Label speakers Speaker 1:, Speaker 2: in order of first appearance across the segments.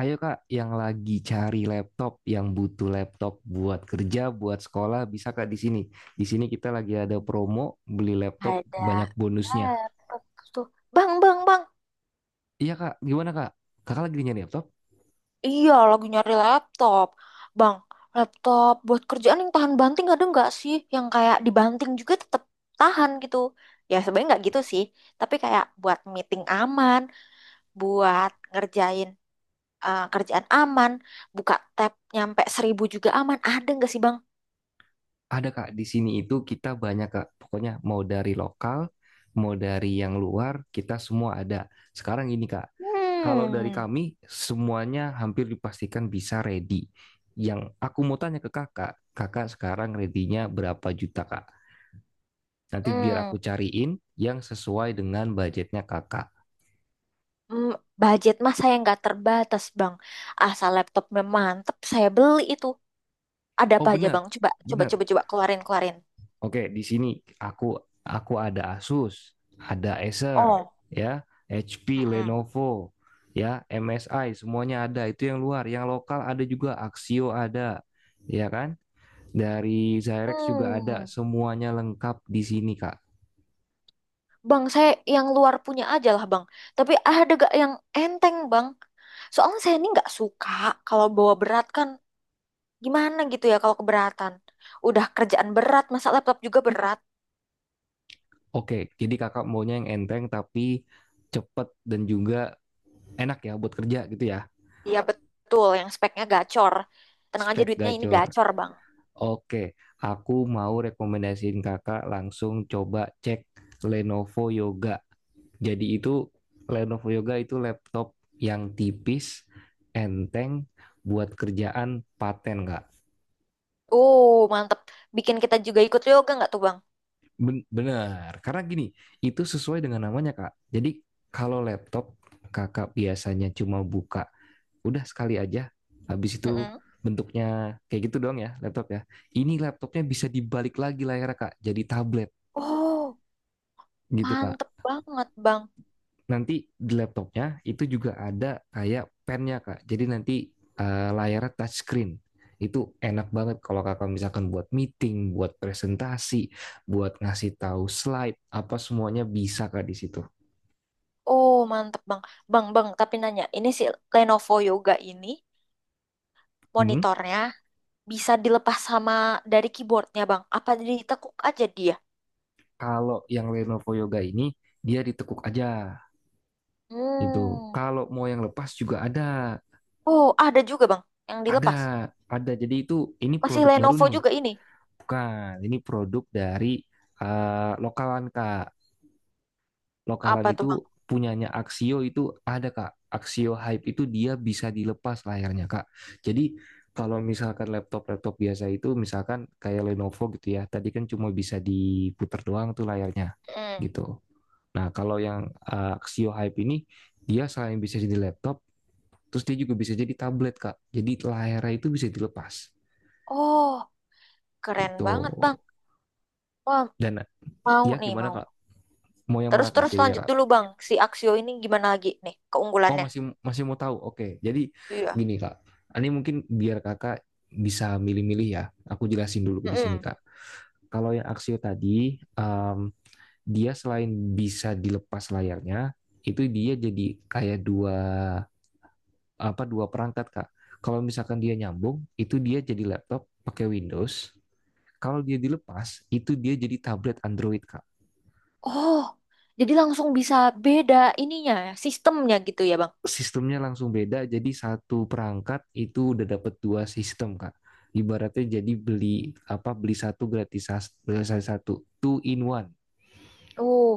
Speaker 1: Ayo Kak, yang lagi cari laptop, yang butuh laptop buat kerja, buat sekolah, bisa Kak di sini. Di sini kita lagi ada promo beli laptop
Speaker 2: Ada
Speaker 1: banyak bonusnya.
Speaker 2: laptop. Terus tuh, bang, bang, bang.
Speaker 1: Iya Kak, gimana Kak? Kakak lagi nyari laptop?
Speaker 2: Iya, lagi nyari laptop, bang. Laptop buat kerjaan yang tahan banting. Ada nggak sih yang kayak dibanting juga tetap tahan gitu? Ya sebenarnya nggak gitu sih, tapi kayak buat meeting aman, buat ngerjain, eh, kerjaan aman. Buka tab nyampe 1.000 juga aman. Ada nggak sih, bang?
Speaker 1: Ada Kak, di sini itu kita banyak Kak. Pokoknya mau dari lokal, mau dari yang luar, kita semua ada. Sekarang ini Kak, kalau dari
Speaker 2: Hmm.
Speaker 1: kami semuanya hampir dipastikan bisa ready. Yang aku mau tanya ke Kakak, Kakak sekarang ready-nya berapa juta Kak? Nanti biar
Speaker 2: Hmm.
Speaker 1: aku cariin yang sesuai dengan budgetnya kakak.
Speaker 2: hmm, Budget mah saya nggak terbatas, bang. Asal laptopnya mantep, saya beli itu. Ada apa
Speaker 1: Oh
Speaker 2: aja,
Speaker 1: benar,
Speaker 2: Bang? Coba, coba,
Speaker 1: benar.
Speaker 2: coba, coba, keluarin, keluarin.
Speaker 1: Oke, di sini aku aku ada Asus, ada Acer,
Speaker 2: Oh.
Speaker 1: ya, HP,
Speaker 2: Mm-mm.
Speaker 1: Lenovo, ya, MSI, semuanya ada. Itu yang luar, yang lokal ada juga Axio ada, ya kan? Dari Zyrex juga ada,
Speaker 2: Hmm.
Speaker 1: semuanya lengkap di sini, Kak.
Speaker 2: Bang, saya yang luar punya aja lah, Bang. Tapi ada gak yang enteng, Bang? Soalnya saya ini nggak suka kalau bawa berat kan. Gimana gitu ya kalau keberatan? Udah kerjaan berat, masa laptop juga berat?
Speaker 1: Oke, jadi kakak maunya yang enteng tapi cepet dan juga enak ya buat kerja gitu ya.
Speaker 2: Iya betul, yang speknya gacor. Tenang aja
Speaker 1: Spek
Speaker 2: duitnya ini
Speaker 1: gacor.
Speaker 2: gacor, Bang.
Speaker 1: Oke, aku mau rekomendasiin kakak langsung coba cek Lenovo Yoga. Jadi itu Lenovo Yoga itu laptop yang tipis, enteng, buat kerjaan paten, Kak.
Speaker 2: Oh, mantep. Bikin kita juga ikut yoga nggak tuh, Bang?
Speaker 1: Benar, karena gini, itu sesuai dengan namanya, Kak. Jadi kalau laptop kakak biasanya cuma buka, udah sekali aja, habis itu
Speaker 2: Mm-mm.
Speaker 1: bentuknya kayak gitu doang ya laptop ya. Ini laptopnya bisa dibalik lagi layarnya, Kak, jadi tablet
Speaker 2: Oh,
Speaker 1: gitu, Kak.
Speaker 2: mantep banget, Bang.
Speaker 1: Nanti di laptopnya itu juga ada kayak pennya kak, jadi nanti layarnya touch screen itu enak banget kalau kakak misalkan buat meeting buat presentasi buat ngasih tahu slide apa semuanya bisa kak di situ.
Speaker 2: Oh, mantep, Bang. Bang, Bang, tapi nanya, ini si Lenovo Yoga ini
Speaker 1: Hmm,
Speaker 2: monitornya bisa dilepas sama dari keyboardnya, Bang. Apa ditekuk aja dia?
Speaker 1: kalau yang Lenovo Yoga ini dia ditekuk aja itu,
Speaker 2: Hmm.
Speaker 1: kalau mau yang lepas juga ada.
Speaker 2: Oh, ada juga, Bang, yang
Speaker 1: ada
Speaker 2: dilepas.
Speaker 1: ada jadi itu ini
Speaker 2: Masih
Speaker 1: produk baru
Speaker 2: Lenovo
Speaker 1: nih,
Speaker 2: juga ini.
Speaker 1: bukan ini produk dari lokalan kak, lokalan
Speaker 2: Apa tuh,
Speaker 1: itu
Speaker 2: Bang?
Speaker 1: punyanya Axio itu ada kak. Axio Hype itu dia bisa dilepas layarnya kak. Jadi kalau misalkan laptop-laptop biasa itu misalkan kayak Lenovo gitu ya tadi kan cuma bisa diputar doang tuh layarnya
Speaker 2: Hmm.
Speaker 1: gitu. Nah kalau yang Axio Hype ini dia selain bisa jadi laptop, terus dia juga bisa jadi tablet kak, jadi layarnya itu bisa dilepas
Speaker 2: Oh, keren
Speaker 1: gitu.
Speaker 2: banget, Bang. Wah,
Speaker 1: Dan
Speaker 2: mau
Speaker 1: ya
Speaker 2: nih,
Speaker 1: gimana
Speaker 2: mau.
Speaker 1: kak, mau yang mana kak
Speaker 2: Terus-terus
Speaker 1: jadinya
Speaker 2: lanjut
Speaker 1: kak?
Speaker 2: dulu, Bang. Si Axio ini gimana lagi nih
Speaker 1: Oh
Speaker 2: keunggulannya?
Speaker 1: masih masih mau tahu. Oke. Jadi
Speaker 2: Iya.
Speaker 1: gini Kak. Ini mungkin biar Kakak bisa milih-milih ya. Aku jelasin dulu di sini
Speaker 2: Mm-mm.
Speaker 1: Kak. Kalau yang Axio tadi dia selain bisa dilepas layarnya, itu dia jadi kayak dua apa dua perangkat Kak. Kalau misalkan dia nyambung, itu dia jadi laptop pakai Windows. Kalau dia dilepas, itu dia jadi tablet Android Kak.
Speaker 2: Oh, jadi langsung bisa beda ininya, sistemnya gitu ya, Bang?
Speaker 1: Sistemnya langsung beda. Jadi satu perangkat itu udah dapat dua sistem, Kak. Ibaratnya jadi beli apa beli satu gratis gratis satu two in one.
Speaker 2: Uh,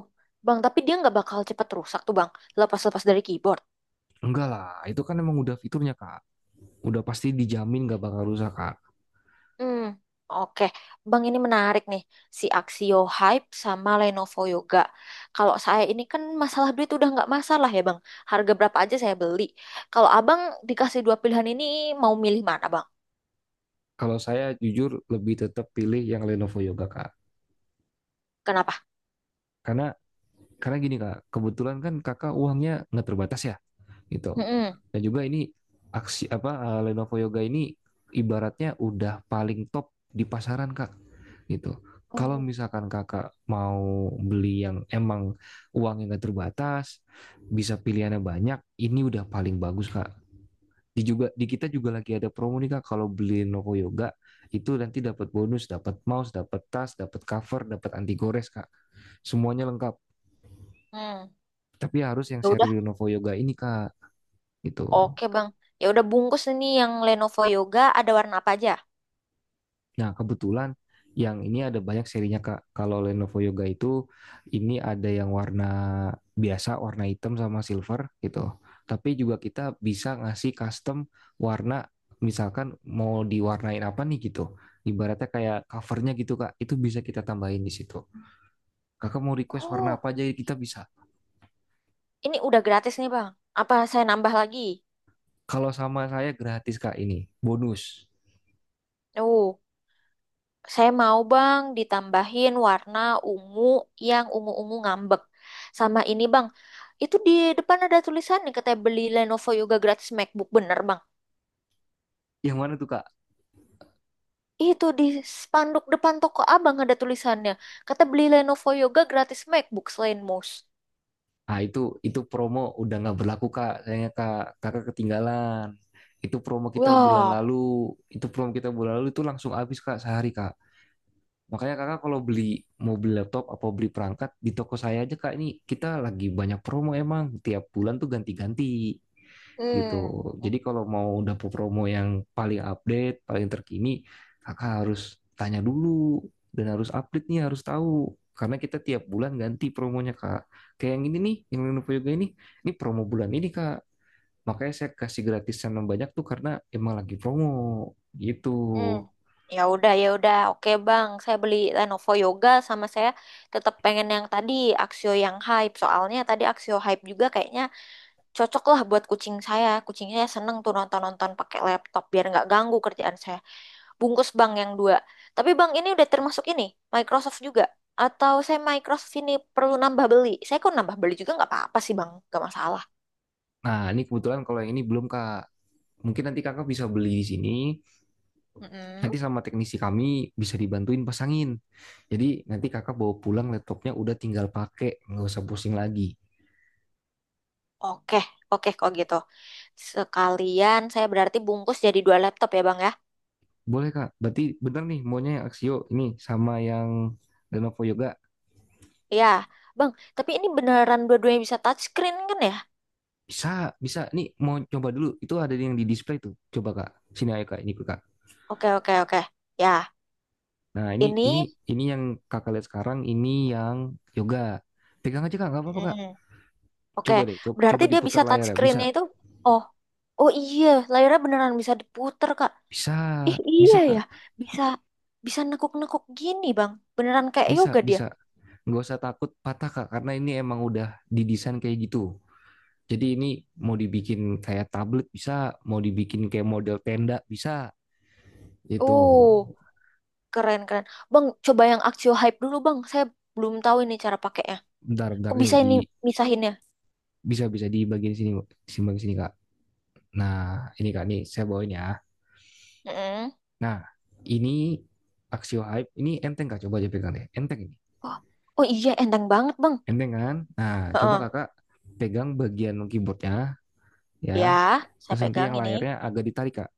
Speaker 2: Bang, tapi dia nggak bakal cepat rusak tuh, bang, lepas-lepas dari keyboard.
Speaker 1: Enggak lah, itu kan emang udah fiturnya, Kak. Udah pasti dijamin gak bakal rusak, Kak.
Speaker 2: Hmm, oke. Bang, ini menarik nih, si Axio Hype sama Lenovo Yoga. Kalau saya ini kan masalah duit udah nggak masalah ya, bang. Harga berapa aja saya beli. Kalau abang dikasih dua pilihan ini, mau milih mana, bang?
Speaker 1: Kalau saya jujur lebih tetap pilih yang Lenovo Yoga, Kak.
Speaker 2: Kenapa?
Speaker 1: Karena karena gini, Kak. Kebetulan kan Kakak uangnya nggak terbatas ya. Gitu.
Speaker 2: Mm-mm.
Speaker 1: Dan juga ini aksi apa Lenovo Yoga ini ibaratnya udah paling top di pasaran kak gitu. Kalau
Speaker 2: Oh.
Speaker 1: misalkan kakak mau beli yang emang uangnya nggak terbatas, bisa pilihannya banyak, ini udah paling bagus kak. Di juga di kita juga lagi ada promo nih kak, kalau beli Lenovo Yoga itu nanti dapat bonus, dapat mouse, dapat tas, dapat cover, dapat anti gores kak, semuanya lengkap,
Speaker 2: Hmm.
Speaker 1: tapi harus yang
Speaker 2: Ya
Speaker 1: seri
Speaker 2: udah,
Speaker 1: Lenovo Yoga ini kak gitu.
Speaker 2: oke, bang. Ya udah, bungkus ini yang Lenovo Yoga. Ada warna apa aja?
Speaker 1: Nah, kebetulan yang ini ada banyak serinya, Kak. Kalau Lenovo Yoga itu ini ada yang warna biasa, warna hitam sama silver gitu. Tapi juga kita bisa ngasih custom warna, misalkan mau diwarnain apa nih gitu. Ibaratnya kayak covernya gitu, Kak. Itu bisa kita tambahin di situ. Kakak mau request warna
Speaker 2: Oh,
Speaker 1: apa aja kita bisa.
Speaker 2: ini udah gratis nih, bang. Apa saya nambah lagi?
Speaker 1: Kalau sama saya gratis, Kak, ini. Bonus.
Speaker 2: Oh. Saya mau, bang, ditambahin warna ungu, yang ungu-ungu ngambek. Sama ini, bang, itu di depan ada tulisan nih katanya beli Lenovo Yoga gratis MacBook, bener, bang?
Speaker 1: Yang mana tuh, Kak?
Speaker 2: Itu di spanduk depan toko abang ada tulisannya. Kata beli Lenovo Yoga gratis MacBook selain mouse.
Speaker 1: Ah itu promo udah nggak berlaku kak, sayangnya kak kakak ketinggalan. Itu promo kita bulan
Speaker 2: Wah.
Speaker 1: lalu, itu promo kita bulan lalu itu langsung habis kak sehari kak. Makanya kakak kalau beli mau beli laptop apa beli perangkat di toko saya aja kak, ini kita lagi banyak promo emang tiap bulan tuh ganti-ganti gitu.
Speaker 2: Hmm.
Speaker 1: Jadi kalau mau dapur promo yang paling update, paling terkini, kakak harus tanya dulu dan harus update nih, harus tahu. Karena kita tiap bulan ganti promonya kak. Kayak yang ini nih, yang Lenovo Yoga ini promo bulan ini kak. Makanya saya kasih gratisan yang banyak tuh karena emang lagi promo gitu.
Speaker 2: Hmm. Ya udah, oke, bang. Saya beli Lenovo Yoga sama saya tetap pengen yang tadi Axio yang hype. Soalnya tadi Axio hype juga kayaknya cocok lah buat kucing saya. Kucingnya seneng tuh nonton-nonton pakai laptop biar nggak ganggu kerjaan saya. Bungkus, bang, yang dua. Tapi bang ini udah termasuk ini Microsoft juga? Atau saya Microsoft ini perlu nambah beli? Saya kok nambah beli juga nggak apa-apa sih, bang, nggak masalah.
Speaker 1: Nah ini kebetulan kalau yang ini belum kak. Mungkin nanti kakak bisa beli di sini
Speaker 2: Mm-mm.
Speaker 1: nanti sama teknisi kami bisa dibantuin pasangin. Jadi nanti kakak bawa pulang laptopnya udah tinggal pakai, nggak usah pusing lagi.
Speaker 2: Oke, oke kok gitu. Sekalian saya berarti bungkus jadi dua laptop ya, bang, ya.
Speaker 1: Boleh kak, berarti bener nih maunya yang Axio ini sama yang Lenovo Yoga.
Speaker 2: Ya, bang. Tapi ini beneran dua-duanya bisa touchscreen kan ya?
Speaker 1: Bisa, bisa. Nih mau coba dulu. Itu ada yang di display tuh. Coba kak. Sini ayo kak, ini kak.
Speaker 2: Oke, oke, oke. Ya,
Speaker 1: Nah ini ini
Speaker 2: ini.
Speaker 1: ini yang kakak lihat sekarang. Ini yang Yoga. Pegang aja kak, nggak apa-apa kak.
Speaker 2: Mm. Oke,
Speaker 1: Coba deh, Coba
Speaker 2: berarti
Speaker 1: coba,
Speaker 2: dia
Speaker 1: diputar
Speaker 2: bisa touch
Speaker 1: layar ya. Bisa,
Speaker 2: screen-nya itu. Oh, oh iya, layarnya beneran bisa diputer, Kak.
Speaker 1: bisa,
Speaker 2: Ih, iya
Speaker 1: bisa
Speaker 2: ya.
Speaker 1: kak.
Speaker 2: Bisa bisa nekuk-nekuk gini, Bang. Beneran kayak
Speaker 1: Bisa,
Speaker 2: yoga dia.
Speaker 1: bisa. Nggak usah takut patah Kak, karena ini emang udah didesain kayak gitu. Jadi ini mau dibikin kayak tablet bisa, mau dibikin kayak model tenda bisa. Itu
Speaker 2: Oh, keren keren. Bang, coba yang Axio Hype dulu, Bang. Saya belum tahu ini cara pakainya.
Speaker 1: bentar bentar
Speaker 2: Kok
Speaker 1: nih
Speaker 2: bisa
Speaker 1: di
Speaker 2: ini misahinnya?
Speaker 1: bisa bisa di bagian sini Kak. Nah, ini Kak nih saya bawain ya.
Speaker 2: Mm-mm.
Speaker 1: Nah, ini Axio Hype, ini enteng Kak, coba aja pegang deh. Enteng ini.
Speaker 2: Oh, oh iya, enteng banget, Bang.
Speaker 1: Enteng kan? Nah, coba
Speaker 2: Heeh.
Speaker 1: Kakak pegang bagian keyboardnya
Speaker 2: Ya,
Speaker 1: ya.
Speaker 2: saya
Speaker 1: Terus nanti
Speaker 2: pegang
Speaker 1: yang
Speaker 2: ini.
Speaker 1: layarnya agak ditarik Kak.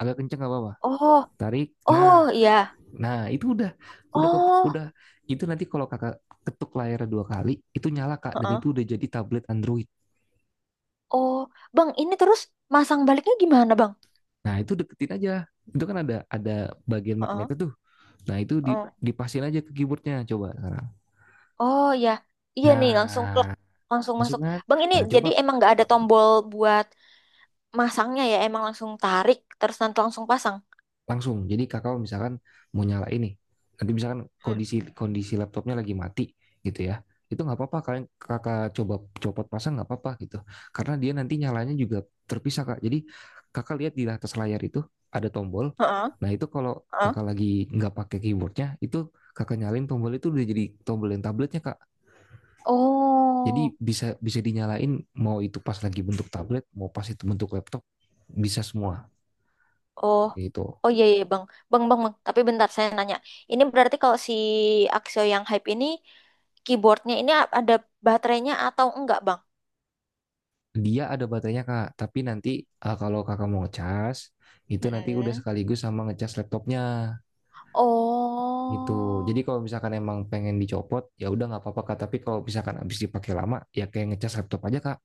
Speaker 1: Agak kenceng nggak apa-apa.
Speaker 2: Oh,
Speaker 1: Tarik. Nah,
Speaker 2: oh iya.
Speaker 1: Nah, itu udah ke,
Speaker 2: Oh.
Speaker 1: udah itu nanti kalau Kakak ketuk layarnya dua kali, itu nyala Kak dan
Speaker 2: Heeh.
Speaker 1: itu udah jadi tablet Android.
Speaker 2: Oh, Bang, ini terus masang baliknya gimana, Bang?
Speaker 1: Nah, itu deketin aja. Itu kan ada bagian magnet
Speaker 2: Heeh.
Speaker 1: tuh. Nah, itu di,
Speaker 2: Oh,
Speaker 1: dipasin aja ke keyboardnya coba sekarang.
Speaker 2: oh ya, iya nih langsung klik,
Speaker 1: Nah,
Speaker 2: langsung
Speaker 1: langsung
Speaker 2: masuk.
Speaker 1: kan.
Speaker 2: Bang ini
Speaker 1: Nah, coba
Speaker 2: jadi emang nggak ada tombol buat masangnya ya, emang langsung tarik terus nanti langsung pasang.
Speaker 1: langsung. Jadi kakak misalkan mau nyala ini, nanti misalkan
Speaker 2: Hmm.
Speaker 1: kondisi kondisi laptopnya lagi mati gitu ya, itu nggak apa-apa kalian kakak coba copot pasang nggak apa-apa gitu, karena dia nanti nyalanya juga terpisah kak. Jadi kakak lihat di atas layar itu ada tombol,
Speaker 2: Heeh,
Speaker 1: nah itu kalau
Speaker 2: heeh.
Speaker 1: kakak lagi nggak pakai keyboardnya itu kakak nyalain tombol itu udah jadi tombol yang tabletnya kak. Jadi
Speaker 2: Oh,
Speaker 1: bisa bisa dinyalain, mau itu pas lagi bentuk tablet, mau pas itu bentuk laptop, bisa semua
Speaker 2: oh,
Speaker 1: gitu.
Speaker 2: oh iya iya, bang, bang bang bang. Tapi bentar saya nanya, ini berarti kalau si Axio yang hype ini keyboardnya ini ada baterainya atau enggak, bang?
Speaker 1: Dia ada baterainya kak, tapi nanti kalau kakak mau ngecas, itu nanti udah
Speaker 2: Mm-mm.
Speaker 1: sekaligus sama ngecas laptopnya gitu. Jadi
Speaker 2: Oh,
Speaker 1: kalau misalkan emang pengen dicopot, ya udah nggak apa-apa kak. Tapi kalau misalkan habis dipakai lama, ya kayak ngecas laptop aja kak,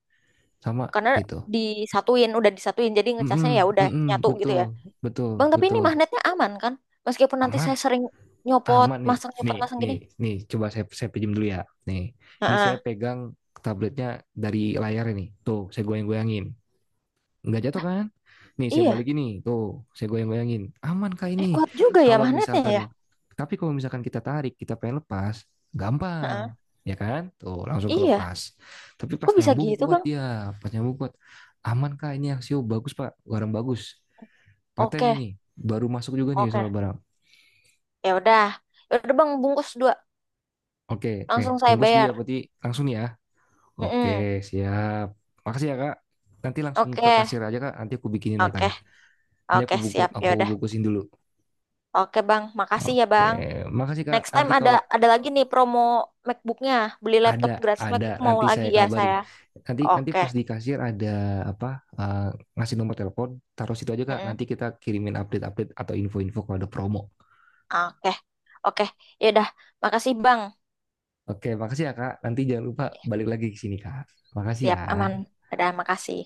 Speaker 1: sama
Speaker 2: karena
Speaker 1: gitu.
Speaker 2: disatuin, udah disatuin, jadi
Speaker 1: Mm-mm,
Speaker 2: ngecasnya ya udah
Speaker 1: mm-mm,
Speaker 2: nyatu gitu
Speaker 1: betul,
Speaker 2: ya.
Speaker 1: betul,
Speaker 2: Bang, tapi ini
Speaker 1: betul.
Speaker 2: magnetnya aman kan? Meskipun nanti
Speaker 1: Aman,
Speaker 2: saya sering
Speaker 1: aman nih,
Speaker 2: nyopot,
Speaker 1: nih,
Speaker 2: masang
Speaker 1: nih,
Speaker 2: gini.
Speaker 1: nih. Coba saya pinjam dulu ya. Nih, ini saya
Speaker 2: Heeh.
Speaker 1: pegang tabletnya dari layar ini. Tuh, saya goyang-goyangin. Nggak jatuh kan? Nih saya balik
Speaker 2: Iya.
Speaker 1: ini, tuh saya goyang-goyangin, aman kah ini?
Speaker 2: Eh, kuat juga ya
Speaker 1: Kalau
Speaker 2: magnetnya
Speaker 1: misalkan,
Speaker 2: ya?
Speaker 1: tapi kalau misalkan kita tarik, kita pengen lepas, gampang,
Speaker 2: Heeh.
Speaker 1: ya kan? Tuh langsung
Speaker 2: Iya.
Speaker 1: kelepas. Tapi pas
Speaker 2: Kok bisa
Speaker 1: nyambung
Speaker 2: gitu,
Speaker 1: kuat
Speaker 2: Bang?
Speaker 1: dia, pas nyambung kuat, aman kah ini aksio? Bagus pak, barang bagus, paten
Speaker 2: Oke,
Speaker 1: ini, baru masuk juga nih
Speaker 2: oke.
Speaker 1: soal barang.
Speaker 2: Ya udah. Ya udah, Bang, bungkus dua.
Speaker 1: Oke, oke,
Speaker 2: Langsung saya
Speaker 1: bungkus dia
Speaker 2: bayar.
Speaker 1: berarti langsung nih ya. Oke,
Speaker 2: Mm-mm.
Speaker 1: siap. Makasih ya kak. Nanti langsung ke
Speaker 2: Oke,
Speaker 1: kasir aja kak. Nanti aku bikinin
Speaker 2: oke,
Speaker 1: notanya. Nanti
Speaker 2: oke,
Speaker 1: aku buku,
Speaker 2: siap. Ya
Speaker 1: aku
Speaker 2: udah.
Speaker 1: bungkusin dulu.
Speaker 2: Oke, Bang. Makasih ya,
Speaker 1: Oke,
Speaker 2: Bang.
Speaker 1: makasih Kak.
Speaker 2: Next time
Speaker 1: Nanti
Speaker 2: ada
Speaker 1: kalau
Speaker 2: ada lagi nih promo MacBook-nya. Beli
Speaker 1: ada
Speaker 2: laptop gratis
Speaker 1: ada
Speaker 2: MacBook mau
Speaker 1: nanti
Speaker 2: lagi
Speaker 1: saya
Speaker 2: ya
Speaker 1: kabarin.
Speaker 2: saya.
Speaker 1: Nanti nanti
Speaker 2: Oke.
Speaker 1: pas di kasir ada apa eh, ngasih nomor telepon, taruh situ aja Kak.
Speaker 2: Mm-mm.
Speaker 1: Nanti kita kirimin update-update atau info-info kalau ada promo.
Speaker 2: Oke. Oke. Ya udah. Makasih, Bang.
Speaker 1: Oke, makasih ya Kak. Nanti jangan lupa balik lagi ke sini Kak. Makasih
Speaker 2: Siap, aman.
Speaker 1: ya.
Speaker 2: Dadah, makasih.